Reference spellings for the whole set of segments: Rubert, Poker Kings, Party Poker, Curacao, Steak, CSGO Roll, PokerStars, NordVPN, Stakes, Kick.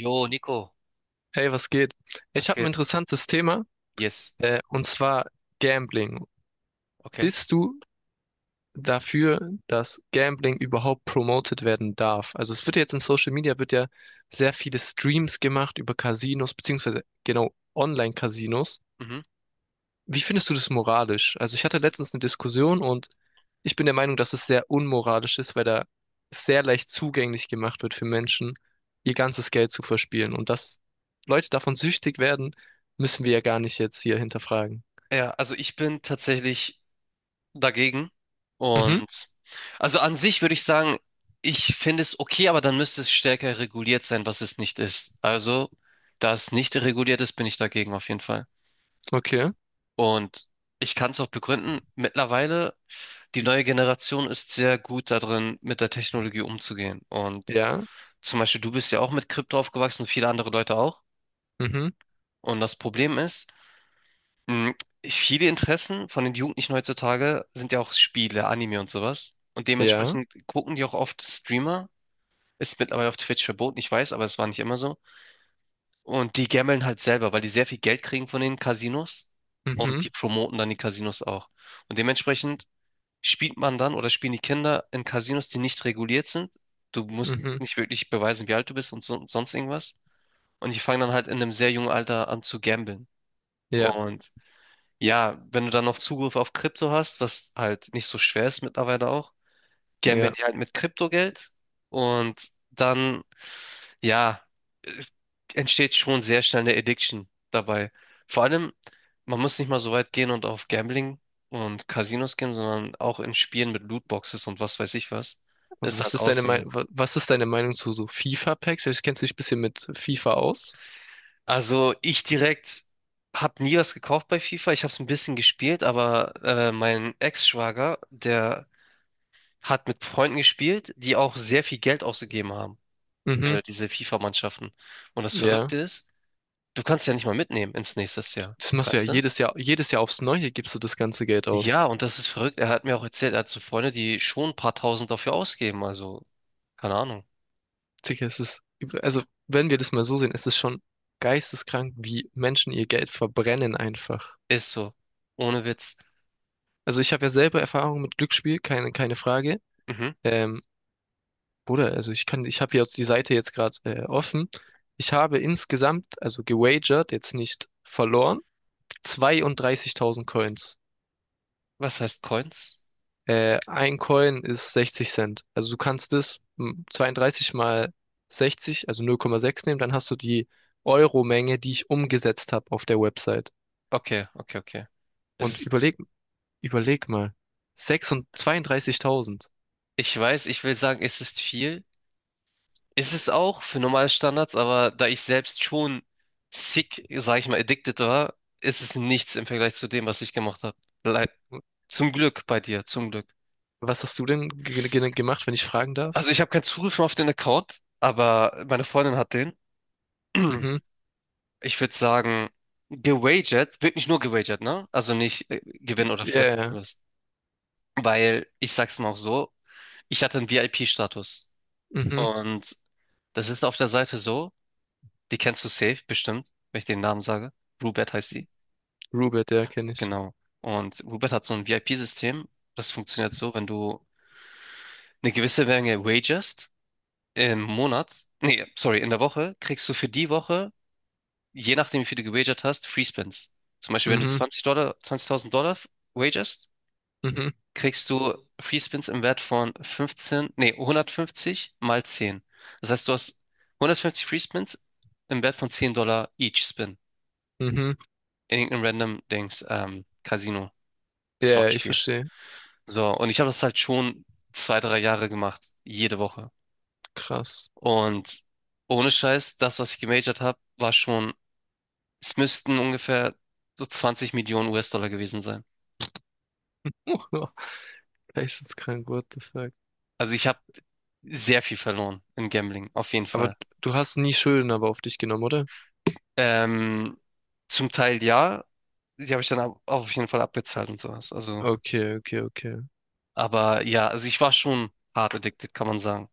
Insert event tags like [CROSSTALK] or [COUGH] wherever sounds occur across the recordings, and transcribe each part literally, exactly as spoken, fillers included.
Jo, Nico, Hey, was geht? Ich was habe ein geht? interessantes Thema, Yes. äh, und zwar Gambling. Okay. Bist du dafür, dass Gambling überhaupt promoted werden darf? Also es wird ja jetzt in Social Media wird ja sehr viele Streams gemacht über Casinos, beziehungsweise genau Online-Casinos. Mhm. Wie findest du das moralisch? Also ich hatte letztens eine Diskussion und ich bin der Meinung, dass es sehr unmoralisch ist, weil da sehr leicht zugänglich gemacht wird für Menschen, ihr ganzes Geld zu verspielen. Und dass Leute davon süchtig werden, müssen wir ja gar nicht jetzt hier hinterfragen. Ja, also ich bin tatsächlich dagegen. Mhm, Und also an sich würde ich sagen, ich finde es okay, aber dann müsste es stärker reguliert sein, was es nicht ist. Also, da es nicht reguliert ist, bin ich dagegen auf jeden Fall. okay. Und ich kann es auch begründen, mittlerweile, die neue Generation ist sehr gut darin, mit der Technologie umzugehen. Und Ja, zum Beispiel, du bist ja auch mit Krypto aufgewachsen und viele andere Leute auch. mhm, Und das Problem ist. Mhm. Viele Interessen von den Jugendlichen heutzutage sind ja auch Spiele, Anime und sowas. Und ja, dementsprechend gucken die auch oft Streamer. Ist mittlerweile auf Twitch verboten, ich weiß, aber es war nicht immer so. Und die gamblen halt selber, weil die sehr viel Geld kriegen von den Casinos. Und mhm, die promoten dann die Casinos auch. Und dementsprechend spielt man dann oder spielen die Kinder in Casinos, die nicht reguliert sind. Du musst mhm, nicht wirklich beweisen, wie alt du bist und so, sonst irgendwas. Und die fangen dann halt in einem sehr jungen Alter an zu gamblen. ja, Und ja, wenn du dann noch Zugriff auf Krypto hast, was halt nicht so schwer ist mittlerweile auch, gambeln ja. die halt mit Kryptogeld und dann, ja, es entsteht schon sehr schnell eine Addiction dabei. Vor allem, man muss nicht mal so weit gehen und auf Gambling und Casinos gehen, sondern auch in Spielen mit Lootboxes und was weiß ich was. Ist Was halt ist auch deine so eine. Meinung, was ist deine Meinung zu so FIFA-Packs? Ich Kennst du dich ein bisschen mit FIFA aus? Also ich direkt habe nie was gekauft bei FIFA. Ich habe es ein bisschen gespielt, aber äh, mein Ex-Schwager, der hat mit Freunden gespielt, die auch sehr viel Geld ausgegeben haben Mhm, für diese FIFA-Mannschaften. Und das ja. Verrückte ist, du kannst ja nicht mal mitnehmen ins nächste Jahr, Das machst du ja weißt du? jedes Jahr, jedes Jahr aufs Neue gibst du das ganze Geld aus. Ja, und das ist verrückt. Er hat mir auch erzählt, er hat so Freunde, die schon ein paar Tausend dafür ausgeben. Also, keine Ahnung. Sicher, es ist, also wenn wir das mal so sehen, es ist schon geisteskrank, wie Menschen ihr Geld verbrennen einfach. Ist so. Ohne Witz. Also ich habe ja selber Erfahrung mit Glücksspiel, keine, keine Frage. Mhm. Ähm, Bruder, also ich kann, ich habe hier jetzt die Seite jetzt gerade äh, offen. Ich habe insgesamt, also gewagert, jetzt nicht verloren, zweiunddreißigtausend Coins. Was heißt Coins? Äh, ein Coin ist sechzig Cent. Also du kannst das m, zweiunddreißig mal sechzig, also null Komma sechs nehmen, dann hast du die Euro-Menge, die ich umgesetzt habe auf der Website. Okay, okay, okay. Und Es ist, überleg, überleg mal, sechsunddreißig zweiunddreißigtausend. ich weiß, ich will sagen, es ist viel, ist es auch für normale Standards, aber da ich selbst schon sick, sag ich mal, addicted war, ist es nichts im Vergleich zu dem, was ich gemacht habe. Leid. Zum Glück bei dir, zum Glück. Was hast du denn ge ge gemacht, wenn ich fragen Also darf? ich habe keinen Zugriff mehr auf den Account, aber meine Freundin hat den. [CLEARS THROAT] Mhm. Ich würde sagen, gewagert, wirklich nur gewagert, ne? Also nicht äh, Gewinn oder Ver- Ja, ja. Verlust. Weil, ich sag's mal auch so, ich hatte einen V I P-Status. Mhm. Und das ist auf der Seite so, die kennst du safe, bestimmt, wenn ich den Namen sage. Rubert heißt die. Rubert, ja, kenne ich. Genau. Und Uber hat so ein V I P-System. Das funktioniert so, wenn du eine gewisse Menge wagerst im Monat, nee, sorry, in der Woche, kriegst du für die Woche, je nachdem, wie viel du gewagert hast, Free Spins. Zum Beispiel, wenn du Mhm, zwanzig Dollar, zwanzigtausend Dollar wagerst, mhm, kriegst du Free Spins im Wert von fünfzehn, nee, hundertfünfzig mal zehn. Das heißt, du hast hundertfünfzig Free Spins im Wert von zehn Dollar each Spin mhm. in irgendeinem random Dings, ähm, Ja, ja, ich Casino-Slot-Spiel. verstehe. So, und ich habe das halt schon zwei, drei Jahre gemacht, jede Woche. Krass. Und ohne Scheiß, das, was ich gemajort habe, war schon, es müssten ungefähr so zwanzig Millionen U S-Dollar gewesen sein. [LAUGHS] Geisteskrank, what the fuck. Also ich habe sehr viel verloren im Gambling, auf jeden Aber Fall. du hast nie Schulden aber auf dich genommen, oder? Ähm, zum Teil ja, die habe ich dann ab- auf jeden Fall abbezahlt und sowas. Also, Okay, okay, okay. aber ja, also ich war schon hart addicted, kann man sagen.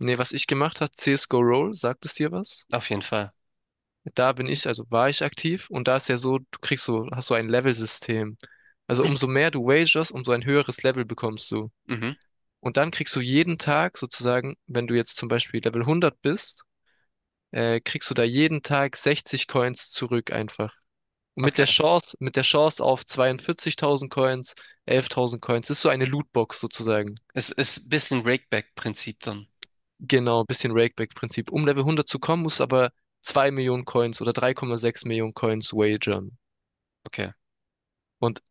Nee, was ich gemacht habe, C S G O Roll, sagt es dir was? Auf jeden Fall. Da bin ich, also war ich aktiv und da ist ja so, du kriegst so, hast so ein Level-System. Also umso [CLEARS THROAT] mehr du wagerst, umso ein höheres Level bekommst du. Mhm, Und dann kriegst du jeden Tag sozusagen, wenn du jetzt zum Beispiel Level hundert bist, äh, kriegst du da jeden Tag sechzig Coins zurück einfach. Und mit der okay. Chance, mit der Chance auf zweiundvierzigtausend Coins, elftausend Coins, das ist so eine Lootbox sozusagen. Es ist ein bisschen Rakeback-Prinzip dann. Genau, bisschen Rakeback-Prinzip. Um Level hundert zu kommen, musst du aber zwei Millionen Coins oder drei Komma sechs Millionen Coins wagern. Okay. Und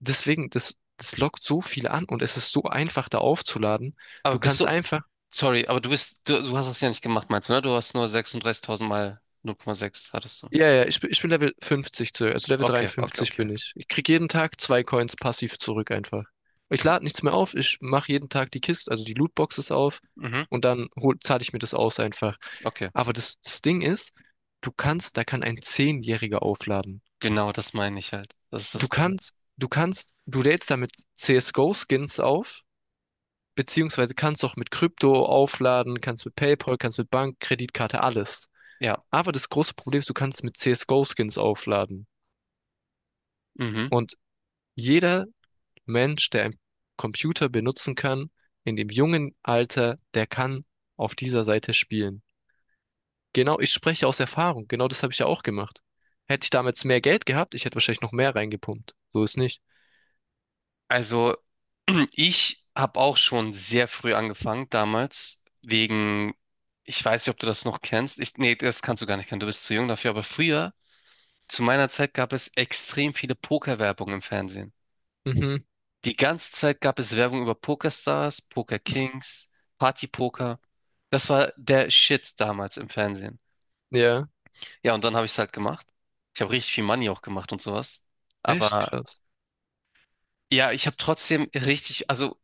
deswegen, das, das lockt so viele an und es ist so einfach, da aufzuladen. Aber Du bist kannst du einfach, Sorry, aber du bist, du, du hast das ja nicht gemacht, meinst du, ne? Du hast nur sechsunddreißigtausend mal null Komma sechs hattest du. ja, ja, ich, bin- ich bin Level fünfzig, zu- also Level Okay, okay, dreiundfünfzig okay. bin ich. Ich krieg jeden Tag zwei Coins passiv zurück einfach. Ich lade nichts mehr auf, ich mache jeden Tag die Kiste, also die Lootboxes auf Mhm, und dann hol, zahle ich mir das aus einfach. okay. Aber das, das Ding ist, du kannst, da kann ein Zehnjähriger aufladen. Genau, das meine ich halt. Das ist Du das Ding. Kannst, du kannst, du lädst damit C S G O-Skins auf, beziehungsweise kannst auch mit Krypto aufladen, kannst mit PayPal, kannst mit Bank, Kreditkarte, alles. Ja, Aber das große Problem ist, du kannst mit C S G O-Skins aufladen. mhm. Und jeder Mensch, der einen Computer benutzen kann, in dem jungen Alter, der kann auf dieser Seite spielen. Genau, ich spreche aus Erfahrung. Genau das habe ich ja auch gemacht. Hätte ich damals mehr Geld gehabt, ich hätte wahrscheinlich noch mehr reingepumpt. So ist nicht. Also, [CLEARS THROAT] ich habe auch schon sehr früh angefangen, damals, wegen, ich weiß nicht, ob du das noch kennst. Ich, nee, das kannst du gar nicht kennen, du bist zu jung dafür, aber früher, zu meiner Zeit gab es extrem viele Pokerwerbung im Fernsehen. Mhm. Die ganze Zeit gab es Werbung über PokerStars, Poker Kings, Party Poker. Das war der Shit damals im Fernsehen. Ja, Ja, und dann habe ich es halt gemacht. Ich habe richtig viel Money auch gemacht und sowas. echt Aber krass. ja, ich habe trotzdem richtig, also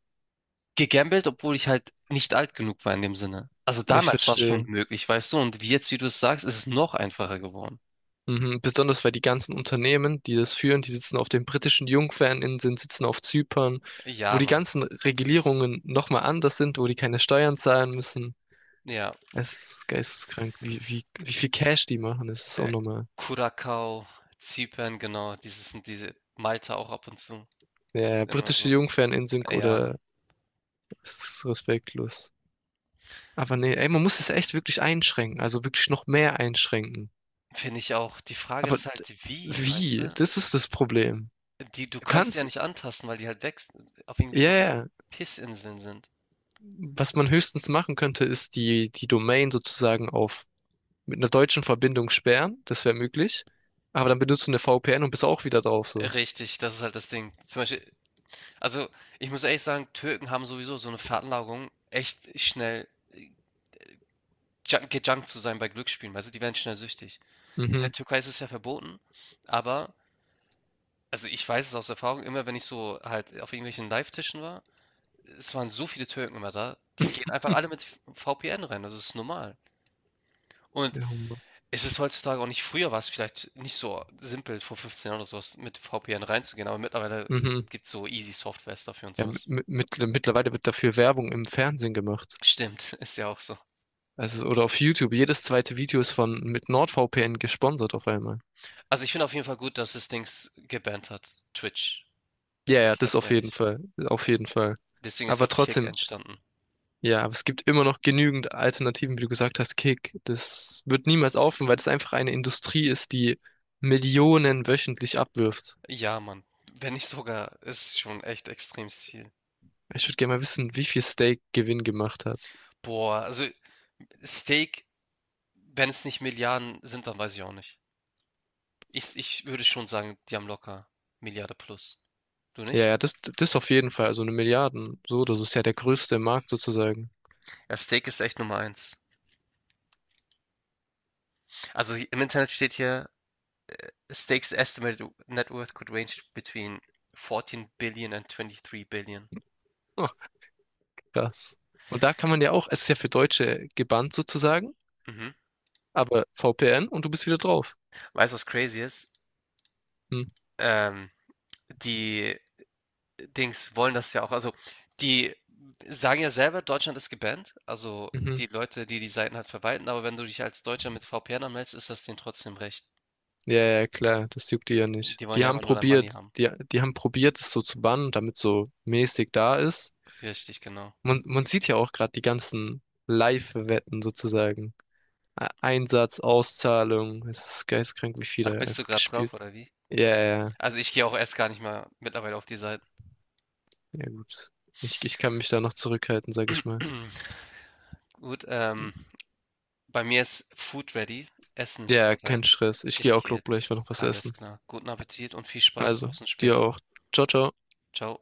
gegambelt, obwohl ich halt nicht alt genug war in dem Sinne. Also Ich damals war es schon verstehe. möglich, weißt du? Und wie jetzt, wie du es sagst, ist es noch einfacher geworden. Mhm. Besonders weil die ganzen Unternehmen, die das führen, die sitzen auf den britischen Jungferninseln, sitzen auf Zypern, wo Ja, die Mann. ganzen Das ist, Regulierungen nochmal anders sind, wo die keine Steuern zahlen müssen. ja, Es ist geisteskrank, wie, wie, wie viel Cash die machen. Es ist äh, unnormal. Curacao, Zypern, genau. Dieses sind diese Malta auch ab und zu. Ist Ja, immer britische so. Jungferninseln Ja, Mann. oder es ist respektlos. Aber nee, ey, man muss es echt wirklich einschränken, also wirklich noch mehr einschränken. Finde ich auch. Die Frage Aber ist d- halt, wie, weißt wie? du? Das ist das Problem. Die, du Du kannst die ja kannst, nicht antasten, weil die halt wächst, auf ja, irgendwelchen ja. Pissinseln sind. Was man höchstens machen könnte, ist die, die Domain sozusagen auf mit einer deutschen Verbindung sperren. Das wäre möglich. Aber dann benutzt du eine V P N und bist auch wieder drauf so. Richtig, das ist halt das Ding. Zum Beispiel, also ich muss ehrlich sagen, Türken haben sowieso so eine Veranlagung, echt schnell äh, junk- gejunkt zu sein bei Glücksspielen, weißt du, die werden schnell süchtig. In der Mhm. Türkei ist es ja verboten, aber, also ich weiß es aus Erfahrung, immer wenn ich so halt auf irgendwelchen Live-Tischen war, es waren so viele Türken immer da, die gehen [LAUGHS] einfach alle mit V P N rein, das ist normal. Und Ja, Hummer. es ist heutzutage auch nicht. Früher war es vielleicht nicht so simpel, vor fünfzehn Jahren oder so was mit V P N reinzugehen, aber mittlerweile Mhm. gibt's so easy Softwares dafür und Ja, sowas. mit, mit, mittlerweile wird dafür Werbung im Fernsehen gemacht. Stimmt, [LAUGHS] ist ja auch so. Also, oder auf YouTube. Jedes zweite Video ist von mit NordVPN gesponsert auf einmal. Also, ich finde auf jeden Fall gut, dass das Dings gebannt hat, Twitch, Ja, bin ja, ich das ganz auf jeden ehrlich. Fall. Auf jeden Fall. Deswegen ist ja Aber auch Kick trotzdem, entstanden. ja, aber es gibt immer noch genügend Alternativen, wie du gesagt hast, Kick. Das wird niemals aufhören, weil das einfach eine Industrie ist, die Millionen wöchentlich abwirft. Ja, Mann, wenn nicht sogar, ist schon echt extrem viel. Ich würde gerne mal wissen, wie viel Steak Gewinn gemacht hat. Boah, also Steak, wenn es nicht Milliarden sind, dann weiß ich auch nicht. Ich ich würde schon sagen, die haben locker Milliarde plus. Du Ja, nicht? ja, das, das auf jeden Fall, also eine Milliarden. So, das ist ja der größte Markt sozusagen. Ja, Steak ist echt Nummer eins. Also hi- im Internet steht hier, Stakes estimated net worth could range between vierzehn billion and dreiundzwanzig billion. Oh, krass. Und da kann man ja auch, es ist ja für Deutsche gebannt sozusagen, Mhm. aber V P N und du bist wieder drauf. Weißt du, was crazy ist? Hm. Ähm, die Dings wollen das ja auch. Also, die sagen ja selber, Deutschland ist gebannt. Also, Mhm. die Leute, die die Seiten halt verwalten. Aber wenn du dich als Deutscher mit V P N anmeldest, ist das denen trotzdem recht. Ja, ja, klar, das juckt die ja nicht. Die wollen Die ja einfach haben nur dein Money probiert, haben. die, die haben probiert, es so zu bannen, damit so mäßig da ist. Richtig, genau. Man, man sieht ja auch gerade die ganzen Live-Wetten sozusagen. E- Einsatz, Auszahlung, es ist geisteskrank, wie viel Ach, da bist du einfach gerade drauf, gespielt. oder wie? Ja, ja, ja, Also, ich gehe auch erst gar nicht mal mittlerweile auf die Seiten. ja, gut. Ich, ich kann mich da noch zurückhalten, sag ich mal. [CLEARS THROAT] Gut. ähm. Bei mir ist Food ready, Essen ist Ja, kein bereit. Stress. Ich gehe Ich auch, gehe glaub jetzt. gleich mal noch was Alles essen. klar. Guten Appetit und viel Spaß Also, draußen dir später. auch. Ciao, ciao. Ciao.